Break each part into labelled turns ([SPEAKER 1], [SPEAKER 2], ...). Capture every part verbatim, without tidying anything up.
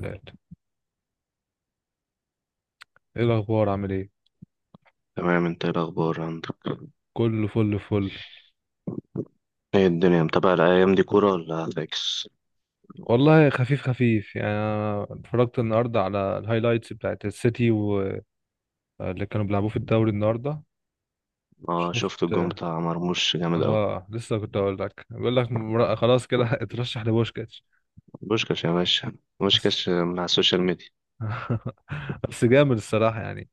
[SPEAKER 1] ثلاثة. ايه الأخبار، عامل ايه؟
[SPEAKER 2] تمام، انت ايه الاخبار عندك؟
[SPEAKER 1] كله فل فل.
[SPEAKER 2] ايه الدنيا، متابع الايام دي كوره ولا فاكس؟
[SPEAKER 1] والله خفيف خفيف يعني، أنا اتفرجت النهاردة على الهايلايتس بتاعت السيتي واللي كانوا بيلعبوه في الدوري النهاردة.
[SPEAKER 2] اه، شفت
[SPEAKER 1] شفت.
[SPEAKER 2] الجون بتاع مرموش جامد قوي.
[SPEAKER 1] اه، لسه كنت اقول لك بيقول لك مر- خلاص كده اترشح لبوشكاتش.
[SPEAKER 2] بوشكاش يا باشا.
[SPEAKER 1] بس.
[SPEAKER 2] بوشكاش من على السوشيال ميديا.
[SPEAKER 1] بس جامد الصراحة يعني،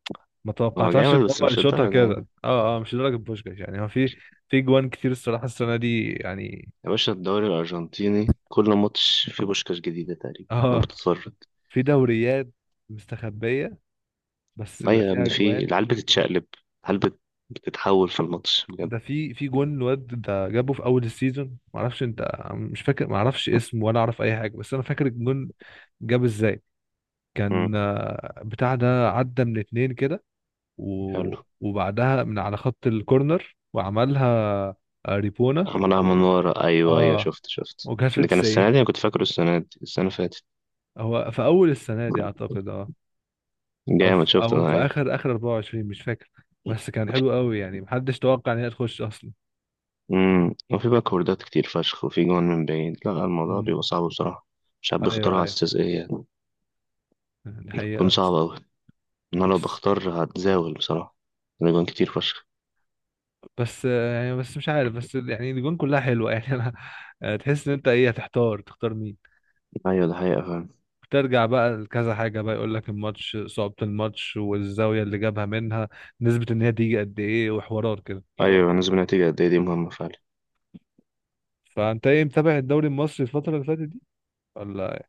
[SPEAKER 1] ما
[SPEAKER 2] هو
[SPEAKER 1] توقعتهاش ان
[SPEAKER 2] جامد بس
[SPEAKER 1] هو
[SPEAKER 2] مش
[SPEAKER 1] يشوطها
[SPEAKER 2] الدرجه يعني.
[SPEAKER 1] كده، اه اه مش لدرجة بوشكاش يعني. هو في في جوان كتير الصراحة السنة دي يعني.
[SPEAKER 2] يا باشا، الدوري الارجنتيني كل ماتش فيه بوشكاش جديده تقريبا لو
[SPEAKER 1] اه،
[SPEAKER 2] بتتفرج.
[SPEAKER 1] في دوريات مستخبية بس بيبقى
[SPEAKER 2] ايوه يا
[SPEAKER 1] فيها
[SPEAKER 2] ابني، فيه
[SPEAKER 1] جوان.
[SPEAKER 2] العيال بتتشقلب. العيال بت- بتتحول في الماتش بجد.
[SPEAKER 1] ده في في جون الواد ده جابه في اول السيزون، ما اعرفش انت مش فاكر، ما اعرفش اسمه ولا اعرف اي حاجه، بس انا فاكر الجون جاب ازاي.
[SPEAKER 2] امم.
[SPEAKER 1] كان آه، بتاع ده عدى من اتنين كده و...
[SPEAKER 2] حلو.
[SPEAKER 1] وبعدها من على خط الكورنر وعملها، آه، ريبونا.
[SPEAKER 2] عملها من ورا. ايوه، ايوه،
[SPEAKER 1] اه،
[SPEAKER 2] شفت شفت
[SPEAKER 1] وكانت في
[SPEAKER 2] ده كان السنه
[SPEAKER 1] تسعين.
[SPEAKER 2] دي. انا كنت فاكره السنه دي السنه اللي فاتت.
[SPEAKER 1] هو في اول السنه دي اعتقد، اه، او
[SPEAKER 2] جامد،
[SPEAKER 1] في...
[SPEAKER 2] شفت
[SPEAKER 1] او
[SPEAKER 2] انا،
[SPEAKER 1] في
[SPEAKER 2] ايوه.
[SPEAKER 1] اخر اخر اربعة وعشرين، مش فاكر. بس كان حلو قوي يعني، محدش توقع ان هي تخش اصلا.
[SPEAKER 2] امم وفي باكوردات كتير فشخ، وفي جوان من بعيد، لا الموضوع
[SPEAKER 1] امم.
[SPEAKER 2] بيبقى صعب بصراحة. مش عارف بيختارها
[SPEAKER 1] ايوه
[SPEAKER 2] على
[SPEAKER 1] ايوه،
[SPEAKER 2] أساس إيه يعني.
[SPEAKER 1] دي
[SPEAKER 2] بتكون
[SPEAKER 1] حقيقه.
[SPEAKER 2] صعبة أوي. أنا لو بختار هتزاول بصراحة. الأجوان كتير فشخ.
[SPEAKER 1] بس آه، يعني، بس مش عارف، بس يعني الجون كلها حلوه يعني. انا آه، تحس ان انت ايه، هتحتار تختار مين.
[SPEAKER 2] أيوة، ده حقيقة فعلا.
[SPEAKER 1] ترجع بقى لكذا حاجه، بقى يقول لك الماتش، صعوبه الماتش والزاويه اللي جابها منها، نسبه ان هي تيجي قد ايه، وحوارات كده.
[SPEAKER 2] أيوة، نسبة نتيجة قد إيه دي مهمة فعلا.
[SPEAKER 1] فانت ايه، متابع الدوري المصري الفتره اللي فاتت دي ولا؟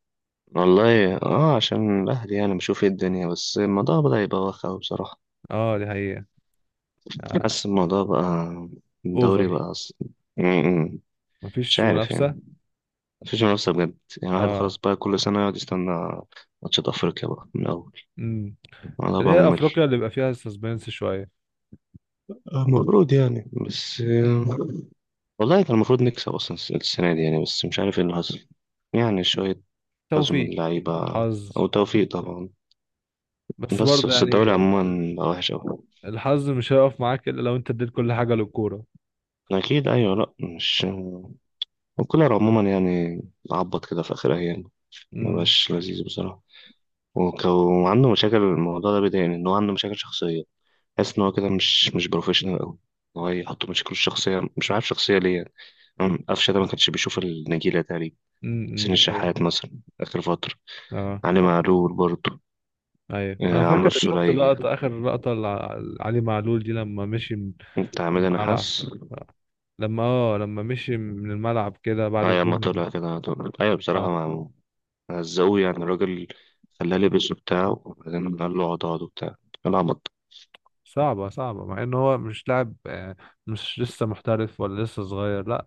[SPEAKER 2] والله، اه عشان الأهلي يعني بشوف ايه الدنيا، بس الموضوع بدأ يبقى واخد أوي بصراحة.
[SPEAKER 1] اه، دي حقيقه. آه.
[SPEAKER 2] حاسس الموضوع بقى. الدوري
[SPEAKER 1] اوفر.
[SPEAKER 2] بقى أص-. امم. مش
[SPEAKER 1] مفيش
[SPEAKER 2] عارف
[SPEAKER 1] منافسه.
[SPEAKER 2] يعني. مفيش منافسة بجد. يعني الواحد خلاص
[SPEAKER 1] اه.
[SPEAKER 2] بقى كل سنة يقعد يستنى. ماتشات أفريقيا بقى من الأول.
[SPEAKER 1] امم.
[SPEAKER 2] الموضوع
[SPEAKER 1] اللي
[SPEAKER 2] بقى
[SPEAKER 1] هي افريقيا
[SPEAKER 2] ممل.
[SPEAKER 1] اللي بيبقى فيها سسبنس شويه.
[SPEAKER 2] آه، المفروض يعني بس آه، والله كان المفروض نكسب أصلا الس- السنة دي يعني، بس مش عارف ايه اللي حصل. يعني شوية حظ من
[SPEAKER 1] توفيق.
[SPEAKER 2] اللعيبة.
[SPEAKER 1] حظ.
[SPEAKER 2] أو توفيق طبعا.
[SPEAKER 1] بس
[SPEAKER 2] بس
[SPEAKER 1] برضه
[SPEAKER 2] بس
[SPEAKER 1] يعني،
[SPEAKER 2] الدوري عموما بقى وحش أوي.
[SPEAKER 1] الحظ مش هيقف معاك الا لو انت اديت كل حاجه للكوره.
[SPEAKER 2] أكيد أيوة، لأ مش. وكولر عموما يعني عبط كده في آخر أيام. مبقاش لذيذ بصراحة. وك- وعنده مشاكل، الموضوع ده بيضايقني إن هو عنده مشاكل شخصية. حاسس إن هو كده مش مش بروفيشنال أوي. هو يحط مشاكله الشخصية، مش عارف شخصية ليه يعني. أمم، قفشة ده ما كانش بيشوف النجيلة تقريبا.
[SPEAKER 1] امم،
[SPEAKER 2] حسين
[SPEAKER 1] ده هي.
[SPEAKER 2] الشحات مثلا، آخر فترة.
[SPEAKER 1] اه.
[SPEAKER 2] علي معلول برضه.
[SPEAKER 1] ايوه،
[SPEAKER 2] آه
[SPEAKER 1] انا
[SPEAKER 2] عمرو
[SPEAKER 1] فاكر شفت
[SPEAKER 2] السولية،
[SPEAKER 1] لقطة اخر لقطة لع- لعلي معلول دي لما مشي من
[SPEAKER 2] بتاع حميد
[SPEAKER 1] الملعب،
[SPEAKER 2] نحاس.
[SPEAKER 1] لما اه لما مشي من الملعب كده بعد
[SPEAKER 2] أيوة ما
[SPEAKER 1] الجمله دي.
[SPEAKER 2] طلع كده على طول، أيوة بصراحة
[SPEAKER 1] اه.
[SPEAKER 2] مع. هزقوه يعني الراجل. خلاه لبس وبتاع، وبعدين قال له اقعد اقعد وبتاع. العبط.
[SPEAKER 1] صعبة صعبة، مع ان هو مش لاعب، آه، مش لسه محترف ولا لسه صغير، لا،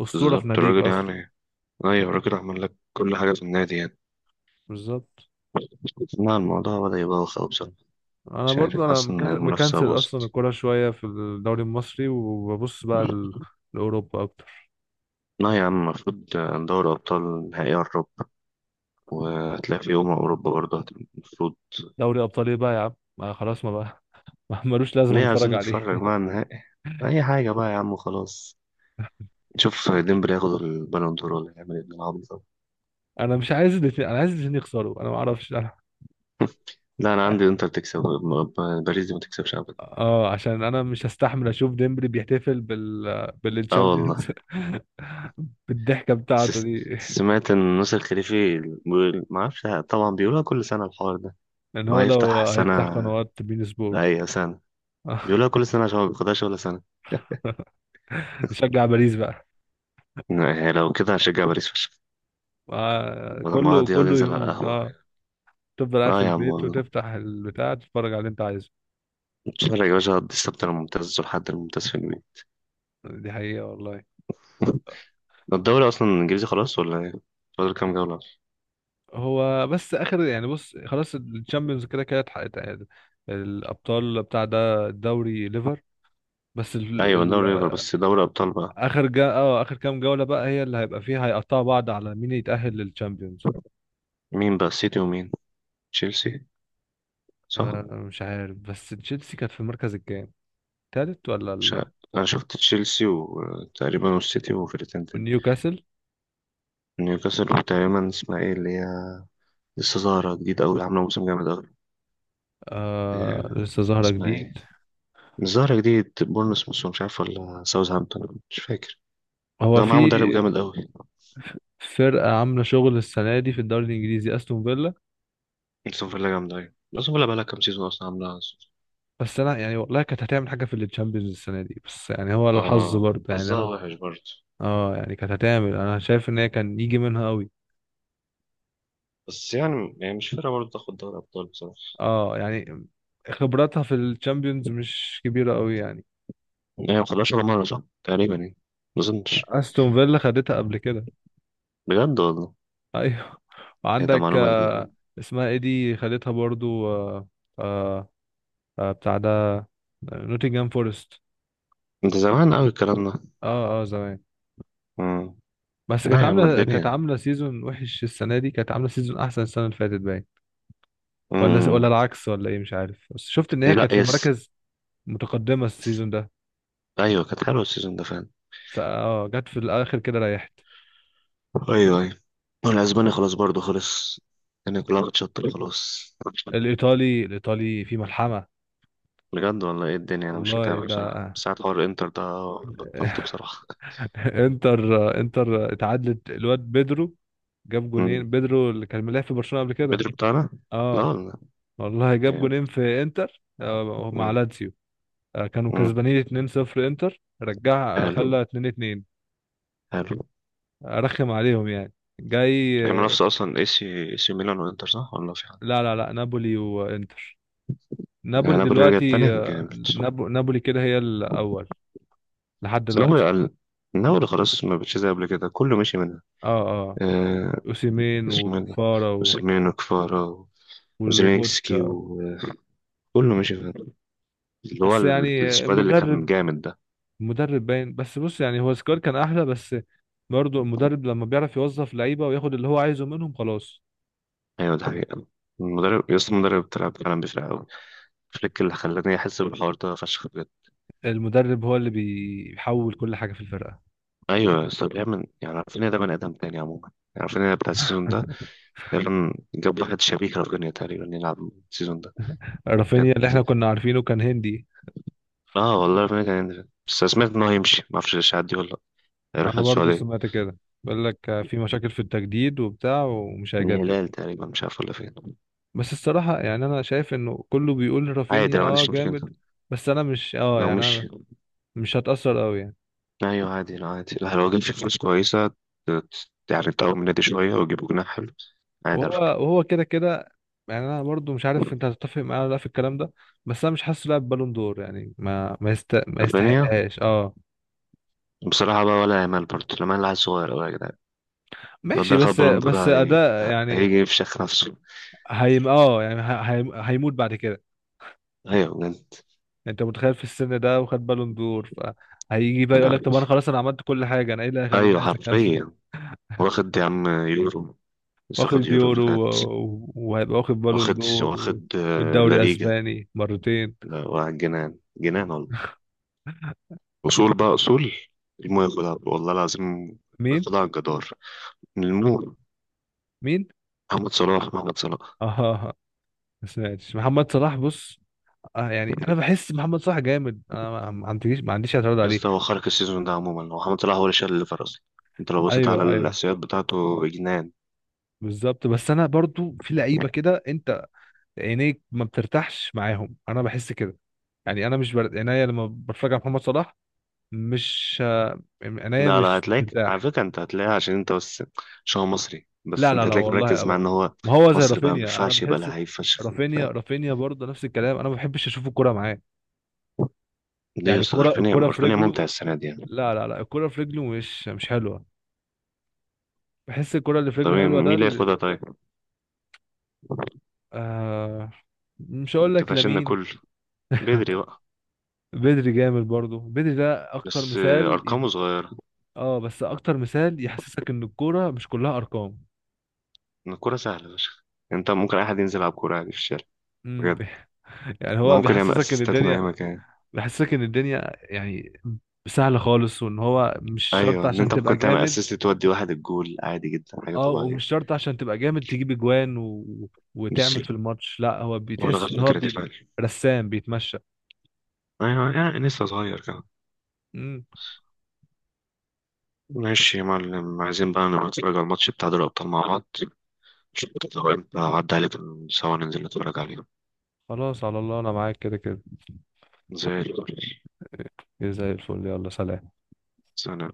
[SPEAKER 1] اسطورة في
[SPEAKER 2] بالظبط
[SPEAKER 1] ناديك
[SPEAKER 2] الراجل
[SPEAKER 1] اصلا.
[SPEAKER 2] يعني. أيوة، الراجل عمل لك كل حاجة في النادي يعني.
[SPEAKER 1] بالظبط.
[SPEAKER 2] لا الموضوع بدأ يبقى واخد بصراحة.
[SPEAKER 1] انا
[SPEAKER 2] مش عارف،
[SPEAKER 1] برضو، انا
[SPEAKER 2] حاسس إن
[SPEAKER 1] مكا-
[SPEAKER 2] المنافسة
[SPEAKER 1] مكنسل اصلا
[SPEAKER 2] باظت.
[SPEAKER 1] الكوره شوية في الدوري المصري، وببص بقى ل- لاوروبا اكتر.
[SPEAKER 2] لا يا عم المفروض. دوري أبطال نهائي أوروبا. وهتلاقي في يوم أوروبا برضه هت-، المفروض.
[SPEAKER 1] دوري ابطال ايه بقى يا عم، ما خلاص ما بقى. ما ملوش لازمة
[SPEAKER 2] ليه
[SPEAKER 1] نتفرج
[SPEAKER 2] عايزين
[SPEAKER 1] عليه.
[SPEAKER 2] نتفرج بقى على النهائي؟ أي حاجة بقى يا عم وخلاص. نشوف ديمبلي ياخد البالون دور ولا يعمل ايه بالعبيط ده.
[SPEAKER 1] انا مش عايز الاثنين، انا عايز الاثنين يخسروا. انا ما اعرفش انا.
[SPEAKER 2] لا أنا عندي إنتر تكسب، ب- ب- باريس دي ما تكسبش أبدا.
[SPEAKER 1] اه، عشان انا مش هستحمل اشوف ديمبلي بيحتفل بال
[SPEAKER 2] أه
[SPEAKER 1] بالتشامبيونز.
[SPEAKER 2] والله.
[SPEAKER 1] بالضحكه بتاعته
[SPEAKER 2] س-
[SPEAKER 1] دي.
[SPEAKER 2] سمعت إن نصر الخليفي بيقول- ما أعرفش طبعا، بيقولها كل سنة الحوار ده.
[SPEAKER 1] لان
[SPEAKER 2] إن هو
[SPEAKER 1] هو
[SPEAKER 2] يفتح
[SPEAKER 1] لو هيفتح
[SPEAKER 2] سنة،
[SPEAKER 1] قنوات بين سبورت.
[SPEAKER 2] أي سنة. بيقولها كل سنة عشان ما بياخدهاش ولا سنة.
[SPEAKER 1] نشجع باريس بقى.
[SPEAKER 2] يعني لو كده هشجع باريس فشخ.
[SPEAKER 1] آه،
[SPEAKER 2] لما
[SPEAKER 1] كله
[SPEAKER 2] يقعد يقعد
[SPEAKER 1] كله
[SPEAKER 2] ينزل على
[SPEAKER 1] يهون، اه.
[SPEAKER 2] القهوة.
[SPEAKER 1] تفضل قاعد في
[SPEAKER 2] اه يا عم
[SPEAKER 1] البيت
[SPEAKER 2] والله.
[SPEAKER 1] وتفتح البتاع، تتفرج على اللي انت عايزه.
[SPEAKER 2] نتفرج يا باشا على السبت الممتاز والحد الممتاز في البيت.
[SPEAKER 1] دي حقيقه والله.
[SPEAKER 2] ده الدوري اصلا الانجليزي خلاص ولا ايه؟ فاضل كام جولة أصلاً؟
[SPEAKER 1] هو بس اخر يعني، بص خلاص، الشامبيونز كده كده اتحققت، الابطال بتاع ده، الدوري ليفر. بس ال...
[SPEAKER 2] ايوه،
[SPEAKER 1] ال...
[SPEAKER 2] دوري ليفر، بس دوري ابطال بقى.
[SPEAKER 1] اخر جا... اه اخر كام جولة بقى هي اللي هيبقى فيها، هيقطعوا بعض على مين يتأهل للتشامبيونز.
[SPEAKER 2] مين بقى، سيتي ومين؟ تشيلسي، صح.
[SPEAKER 1] آه، مش عارف بس تشيلسي كانت في المركز الكام؟ التالت ولا
[SPEAKER 2] مش
[SPEAKER 1] ال...
[SPEAKER 2] عارف. انا شفت تشيلسي وتقريبا والسيتي وفرقتين تاني.
[SPEAKER 1] نيوكاسل.
[SPEAKER 2] نيوكاسل، وتقريبا اسمها ايه اللي هي؟ لسه ظاهرة جديد أوي، عاملة موسم جامد أوي.
[SPEAKER 1] آه،
[SPEAKER 2] إيه،
[SPEAKER 1] لسه ظاهرة
[SPEAKER 2] اسمها ايه؟
[SPEAKER 1] جديد.
[SPEAKER 2] مش ظاهرة جديد، بورنموث مش عارف، ولا ساوثهامبتون مش فاكر.
[SPEAKER 1] هو
[SPEAKER 2] ده معاه
[SPEAKER 1] في
[SPEAKER 2] مدرب جامد أوي.
[SPEAKER 1] فرقة عاملة شغل السنة دي في الدوري الإنجليزي، أستون فيلا.
[SPEAKER 2] استون فيلا جامد أوي، استون فيلا بقالها كام سيزون أصلا عاملة.
[SPEAKER 1] بس أنا يعني والله كانت هتعمل حاجة في التشامبيونز السنة دي، بس يعني هو الحظ
[SPEAKER 2] اه،
[SPEAKER 1] برضه يعني
[SPEAKER 2] حظها
[SPEAKER 1] أنا.
[SPEAKER 2] وحش برضه.
[SPEAKER 1] اه يعني، كانت هتعمل، أنا شايف إن هي كان يجي منها أوي.
[SPEAKER 2] بس يعني يعني مش فارقة برضه تاخد دوري أبطال بصراحة.
[SPEAKER 1] اه يعني، خبراتها في الشامبيونز مش كبيرة أوي يعني.
[SPEAKER 2] هي ما خدهاش ولا مرة صح؟ تقريبا يعني. ما أظنش.
[SPEAKER 1] استون فيلا خدتها قبل كده.
[SPEAKER 2] بجد والله.
[SPEAKER 1] ايوه.
[SPEAKER 2] إيه، ده
[SPEAKER 1] وعندك
[SPEAKER 2] معلومة جديدة
[SPEAKER 1] آه،
[SPEAKER 2] يعني.
[SPEAKER 1] اسمها ايه دي خدتها برضو، آه، آه، آه، بتاع ده، نوتنجهام فورست.
[SPEAKER 2] أنت زمان أوي الكلام ده.
[SPEAKER 1] اه اه، زمان.
[SPEAKER 2] مم.
[SPEAKER 1] بس كانت
[SPEAKER 2] لا يا عم
[SPEAKER 1] عامله كانت
[SPEAKER 2] الدنيا.
[SPEAKER 1] عامله سيزون وحش السنه دي، كانت عامله سيزون احسن السنه اللي فاتت باين، ولا ولا
[SPEAKER 2] مم.
[SPEAKER 1] العكس ولا ايه، مش عارف. بس شفت ان
[SPEAKER 2] إيه
[SPEAKER 1] هي
[SPEAKER 2] لا
[SPEAKER 1] كانت في
[SPEAKER 2] يس.
[SPEAKER 1] مراكز متقدمه السيزون ده،
[SPEAKER 2] أيوة، كانت حلوة السيزون ده فعلا.
[SPEAKER 1] فاه جت في الاخر كده ريحت.
[SPEAKER 2] أيوة، أيوة. والأسباني خلاص برضه خلص. الدنيا كلها بتشطر خلاص.
[SPEAKER 1] الايطالي الايطالي في ملحمه.
[SPEAKER 2] بجد والله إيه الدنيا، أنا مش
[SPEAKER 1] والله
[SPEAKER 2] متابع
[SPEAKER 1] ده،
[SPEAKER 2] بصراحة بس ساعة حوار الإنتر ده. بطلت بصراحة.
[SPEAKER 1] انتر. انتر اتعادلت، الواد بيدرو جاب
[SPEAKER 2] مم.
[SPEAKER 1] جونين، بيدرو اللي كان ملاعب في برشلونة قبل كده.
[SPEAKER 2] بدري بتاعنا. لا
[SPEAKER 1] اه
[SPEAKER 2] والله.
[SPEAKER 1] والله، جاب
[SPEAKER 2] جامد.
[SPEAKER 1] جونين في انتر آه مع
[SPEAKER 2] مم.
[SPEAKER 1] لاتسيو. آه، كانوا
[SPEAKER 2] مم.
[SPEAKER 1] كسبانين اتنين صفر، انتر رجع آه،
[SPEAKER 2] حلو.
[SPEAKER 1] خلى اتنين اتنين،
[SPEAKER 2] حلو.
[SPEAKER 1] آه، رخم عليهم يعني، جاي
[SPEAKER 2] هي
[SPEAKER 1] آه،
[SPEAKER 2] منافسة أصلا اي سي اي سي ميلان وإنتر، صح ولا في حد؟
[SPEAKER 1] لا لا لا، نابولي وانتر.
[SPEAKER 2] يعني
[SPEAKER 1] نابولي
[SPEAKER 2] نابولي رجع تاني
[SPEAKER 1] دلوقتي،
[SPEAKER 2] جامد
[SPEAKER 1] آه،
[SPEAKER 2] بس.
[SPEAKER 1] نابو نابولي كده هي الاول لحد
[SPEAKER 2] نابولي
[SPEAKER 1] دلوقتي.
[SPEAKER 2] أقل. نابولي خلاص ما بقتش زي قبل كده، كله مشي منها.
[SPEAKER 1] اه اه،
[SPEAKER 2] آه.
[SPEAKER 1] اوسيمين
[SPEAKER 2] اسمه ايه ده؟
[SPEAKER 1] وكفارا و-
[SPEAKER 2] وسيرمين وكفارا. وزيلينسكي
[SPEAKER 1] ولوبوتكا.
[SPEAKER 2] وكله مشي فيها. اللي هو
[SPEAKER 1] بس
[SPEAKER 2] ال-
[SPEAKER 1] يعني
[SPEAKER 2] السكواد اللي كان
[SPEAKER 1] المدرب
[SPEAKER 2] جامد ده.
[SPEAKER 1] المدرب باين. بس بص يعني، هو سكواد كان احلى، بس برضه المدرب لما بيعرف يوظف لعيبه وياخد اللي هو عايزه منهم خلاص.
[SPEAKER 2] أيوه ده حقيقة. المدرب يا اسطى، المدرب بتاع فعلا بيفرق أوي. فليك اللي خلاني أحس بالحوار ده فشخ بجد.
[SPEAKER 1] المدرب هو اللي بيحول كل حاجه في الفرقه.
[SPEAKER 2] أيوه يا اسطى، بيعمل يعني، عارفين، ده بني آدم تاني عموما، يعني عارفين بتاع السيزون ده. تقريبا جاب واحد شبيك رافينيا، تقريبا يلعب السيزون ده.
[SPEAKER 1] رافينيا اللي احنا كنا عارفينه كان هندي.
[SPEAKER 2] اه والله ربنا كان يندفع، بس سمعت ان هو هيمشي، ما اعرفش لسه هيعدي ولا لا. هيروح
[SPEAKER 1] انا برضه
[SPEAKER 2] السعوديه.
[SPEAKER 1] سمعت كده، بيقول لك في مشاكل في التجديد وبتاع ومش
[SPEAKER 2] من
[SPEAKER 1] هيجدد.
[SPEAKER 2] الهلال تقريبا، مش عارف ولا فين.
[SPEAKER 1] بس الصراحه يعني انا شايف انه كله بيقول
[SPEAKER 2] عادي، انا
[SPEAKER 1] رافينيا
[SPEAKER 2] ما
[SPEAKER 1] اه
[SPEAKER 2] عنديش مشكله
[SPEAKER 1] جامد، بس انا مش اه
[SPEAKER 2] لو
[SPEAKER 1] يعني، انا
[SPEAKER 2] مشي.
[SPEAKER 1] مش هتاثر قوي.
[SPEAKER 2] ايوه عادي، لا عادي، لا لو جبت فلوس كويسه ت- يعني تقوم النادي شويه ويجيبوا جناح حلو. عادي
[SPEAKER 1] وهو
[SPEAKER 2] على فكره
[SPEAKER 1] وهو كده كده. يعني انا برضو مش عارف انت هتتفق معايا ولا لا في الكلام ده، بس انا مش حاسه لاعب بالون دور يعني. ما ما, يست... ما
[SPEAKER 2] رافينيا.
[SPEAKER 1] يستحقهاش، اه.
[SPEAKER 2] بصراحه بقى، ولا يامال برضه، لامال لعيب صغير قوي يا جدعان. لو
[SPEAKER 1] ماشي،
[SPEAKER 2] ده خد
[SPEAKER 1] بس
[SPEAKER 2] بالون دور،
[SPEAKER 1] بس
[SPEAKER 2] هي...
[SPEAKER 1] اداء يعني.
[SPEAKER 2] هيجي يفشخ نفسه.
[SPEAKER 1] هيم اه يعني ه- هيم... هيموت بعد كده.
[SPEAKER 2] ايوه بجد.
[SPEAKER 1] يعني انت متخيل في السن ده وخد بالون دور، فهيجي بقى يقول
[SPEAKER 2] انا
[SPEAKER 1] لك طب انا خلاص، انا عملت كل حاجه، انا ايه اللي هيخليني
[SPEAKER 2] ايوه
[SPEAKER 1] عايز اكمل.
[SPEAKER 2] حرفيا. واخد يا عم يورو، لسه
[SPEAKER 1] واخد
[SPEAKER 2] واخد يورو اللي
[SPEAKER 1] يورو
[SPEAKER 2] فات.
[SPEAKER 1] و- و- وهيبقى واخد بالون
[SPEAKER 2] واخد
[SPEAKER 1] دور و...
[SPEAKER 2] واخد آه، لا
[SPEAKER 1] والدوري
[SPEAKER 2] ليجا.
[SPEAKER 1] اسباني مرتين.
[SPEAKER 2] لا واحد جنان جنان والله. اصول بقى اصول. المهم ياخدها والله العظيم،
[SPEAKER 1] مين.
[SPEAKER 2] ياخدها على الجدار. المهم،
[SPEAKER 1] مين.
[SPEAKER 2] محمد صلاح، محمد صلاح.
[SPEAKER 1] اه. ما سمعتش محمد صلاح، بص. اه يعني، انا بحس محمد صلاح جامد، انا ما ما عنديش ما عنديش اعتراض
[SPEAKER 2] يا
[SPEAKER 1] عليه.
[SPEAKER 2] اسطى، هو خارج السيزون ده عموما، هو محمد صلاح هو اللي شال الليفر اصلا. انت لو بصيت على
[SPEAKER 1] ايوه ايوه.
[SPEAKER 2] الاحصائيات بتاعته جنان.
[SPEAKER 1] بالظبط، بس انا برضو في لعيبه كده انت عينيك ما بترتاحش معاهم، انا بحس كده. يعني انا مش بر... عينيا لما بتفرج على محمد صلاح مش، آه، عينيا
[SPEAKER 2] لا، لا،
[SPEAKER 1] مش
[SPEAKER 2] هتلاقيك على
[SPEAKER 1] بترتاح.
[SPEAKER 2] فكره، انت هتلاقيها عشان انت بس، عشان هو مصري،
[SPEAKER 1] لا
[SPEAKER 2] بس
[SPEAKER 1] لا
[SPEAKER 2] انت
[SPEAKER 1] لا
[SPEAKER 2] هتلاقيك
[SPEAKER 1] والله
[SPEAKER 2] مركز مع ان
[SPEAKER 1] ابدا،
[SPEAKER 2] هو
[SPEAKER 1] ما هو زي
[SPEAKER 2] مصري بقى ما
[SPEAKER 1] رافينيا انا
[SPEAKER 2] ينفعش يبقى
[SPEAKER 1] بحسه.
[SPEAKER 2] لعيب فشخ. ف-.
[SPEAKER 1] رافينيا رافينيا برضه نفس الكلام، انا ما بحبش اشوف الكرة معاه،
[SPEAKER 2] ليه يا
[SPEAKER 1] يعني
[SPEAKER 2] اسطى،
[SPEAKER 1] الكرة
[SPEAKER 2] رفانية
[SPEAKER 1] الكرة في
[SPEAKER 2] رفانية ممتع
[SPEAKER 1] رجله،
[SPEAKER 2] السنة دي يعني؟
[SPEAKER 1] لا لا لا، الكرة في رجله مش مش حلوة. بحس الكرة اللي في
[SPEAKER 2] طب
[SPEAKER 1] رجله حلوة
[SPEAKER 2] مين
[SPEAKER 1] ده.
[SPEAKER 2] اللي ياخدها طيب؟
[SPEAKER 1] آه، مش
[SPEAKER 2] ما
[SPEAKER 1] هقول لك
[SPEAKER 2] اتفقناش ان
[SPEAKER 1] لمين.
[SPEAKER 2] كله بدري بقى؟
[SPEAKER 1] بدري جامد برضو، بدري ده اكتر
[SPEAKER 2] بس آه،
[SPEAKER 1] مثال يد-
[SPEAKER 2] أرقامه صغيرة.
[SPEAKER 1] اه، بس اكتر مثال يحسسك ان الكوره مش كلها ارقام.
[SPEAKER 2] إن الكورة سهلة يا باشا. انت ممكن اي حد ينزل يلعب كورة عادي في الشارع
[SPEAKER 1] مم.
[SPEAKER 2] بجد.
[SPEAKER 1] يعني
[SPEAKER 2] ان هو
[SPEAKER 1] هو
[SPEAKER 2] ممكن يعمل
[SPEAKER 1] بيحسسك ان
[SPEAKER 2] اسيستات من
[SPEAKER 1] الدنيا،
[SPEAKER 2] اي مكان.
[SPEAKER 1] بيحسسك ان الدنيا يعني سهله خالص، وان هو مش شرط
[SPEAKER 2] ايوه، ان
[SPEAKER 1] عشان
[SPEAKER 2] انت
[SPEAKER 1] تبقى
[SPEAKER 2] ممكن تعمل
[SPEAKER 1] جامد.
[SPEAKER 2] اسيست تودي واحد الجول عادي جدا، حاجة
[SPEAKER 1] اه،
[SPEAKER 2] طبيعية.
[SPEAKER 1] ومش شرط عشان تبقى جامد تجيب اجوان و...
[SPEAKER 2] مش
[SPEAKER 1] وتعمل في الماتش. لا، هو
[SPEAKER 2] ولا
[SPEAKER 1] بيتحس ان
[SPEAKER 2] غير
[SPEAKER 1] هو
[SPEAKER 2] فكرة دي
[SPEAKER 1] بي...
[SPEAKER 2] فعلا.
[SPEAKER 1] رسام بيتمشى.
[SPEAKER 2] ايوه يعني لسه صغير كمان.
[SPEAKER 1] مم.
[SPEAKER 2] ماشي يا معلم، عايزين بقى نبقى نتفرج على الماتش بتاع دوري الابطال مع بعض. شوف، لو انت عدى عليك سوا ننزل نتفرج عليه.
[SPEAKER 1] خلاص على الله، انا معاك كده كده.
[SPEAKER 2] زي الفل.
[SPEAKER 1] زي الفل، يلا سلام.
[SPEAKER 2] سلام.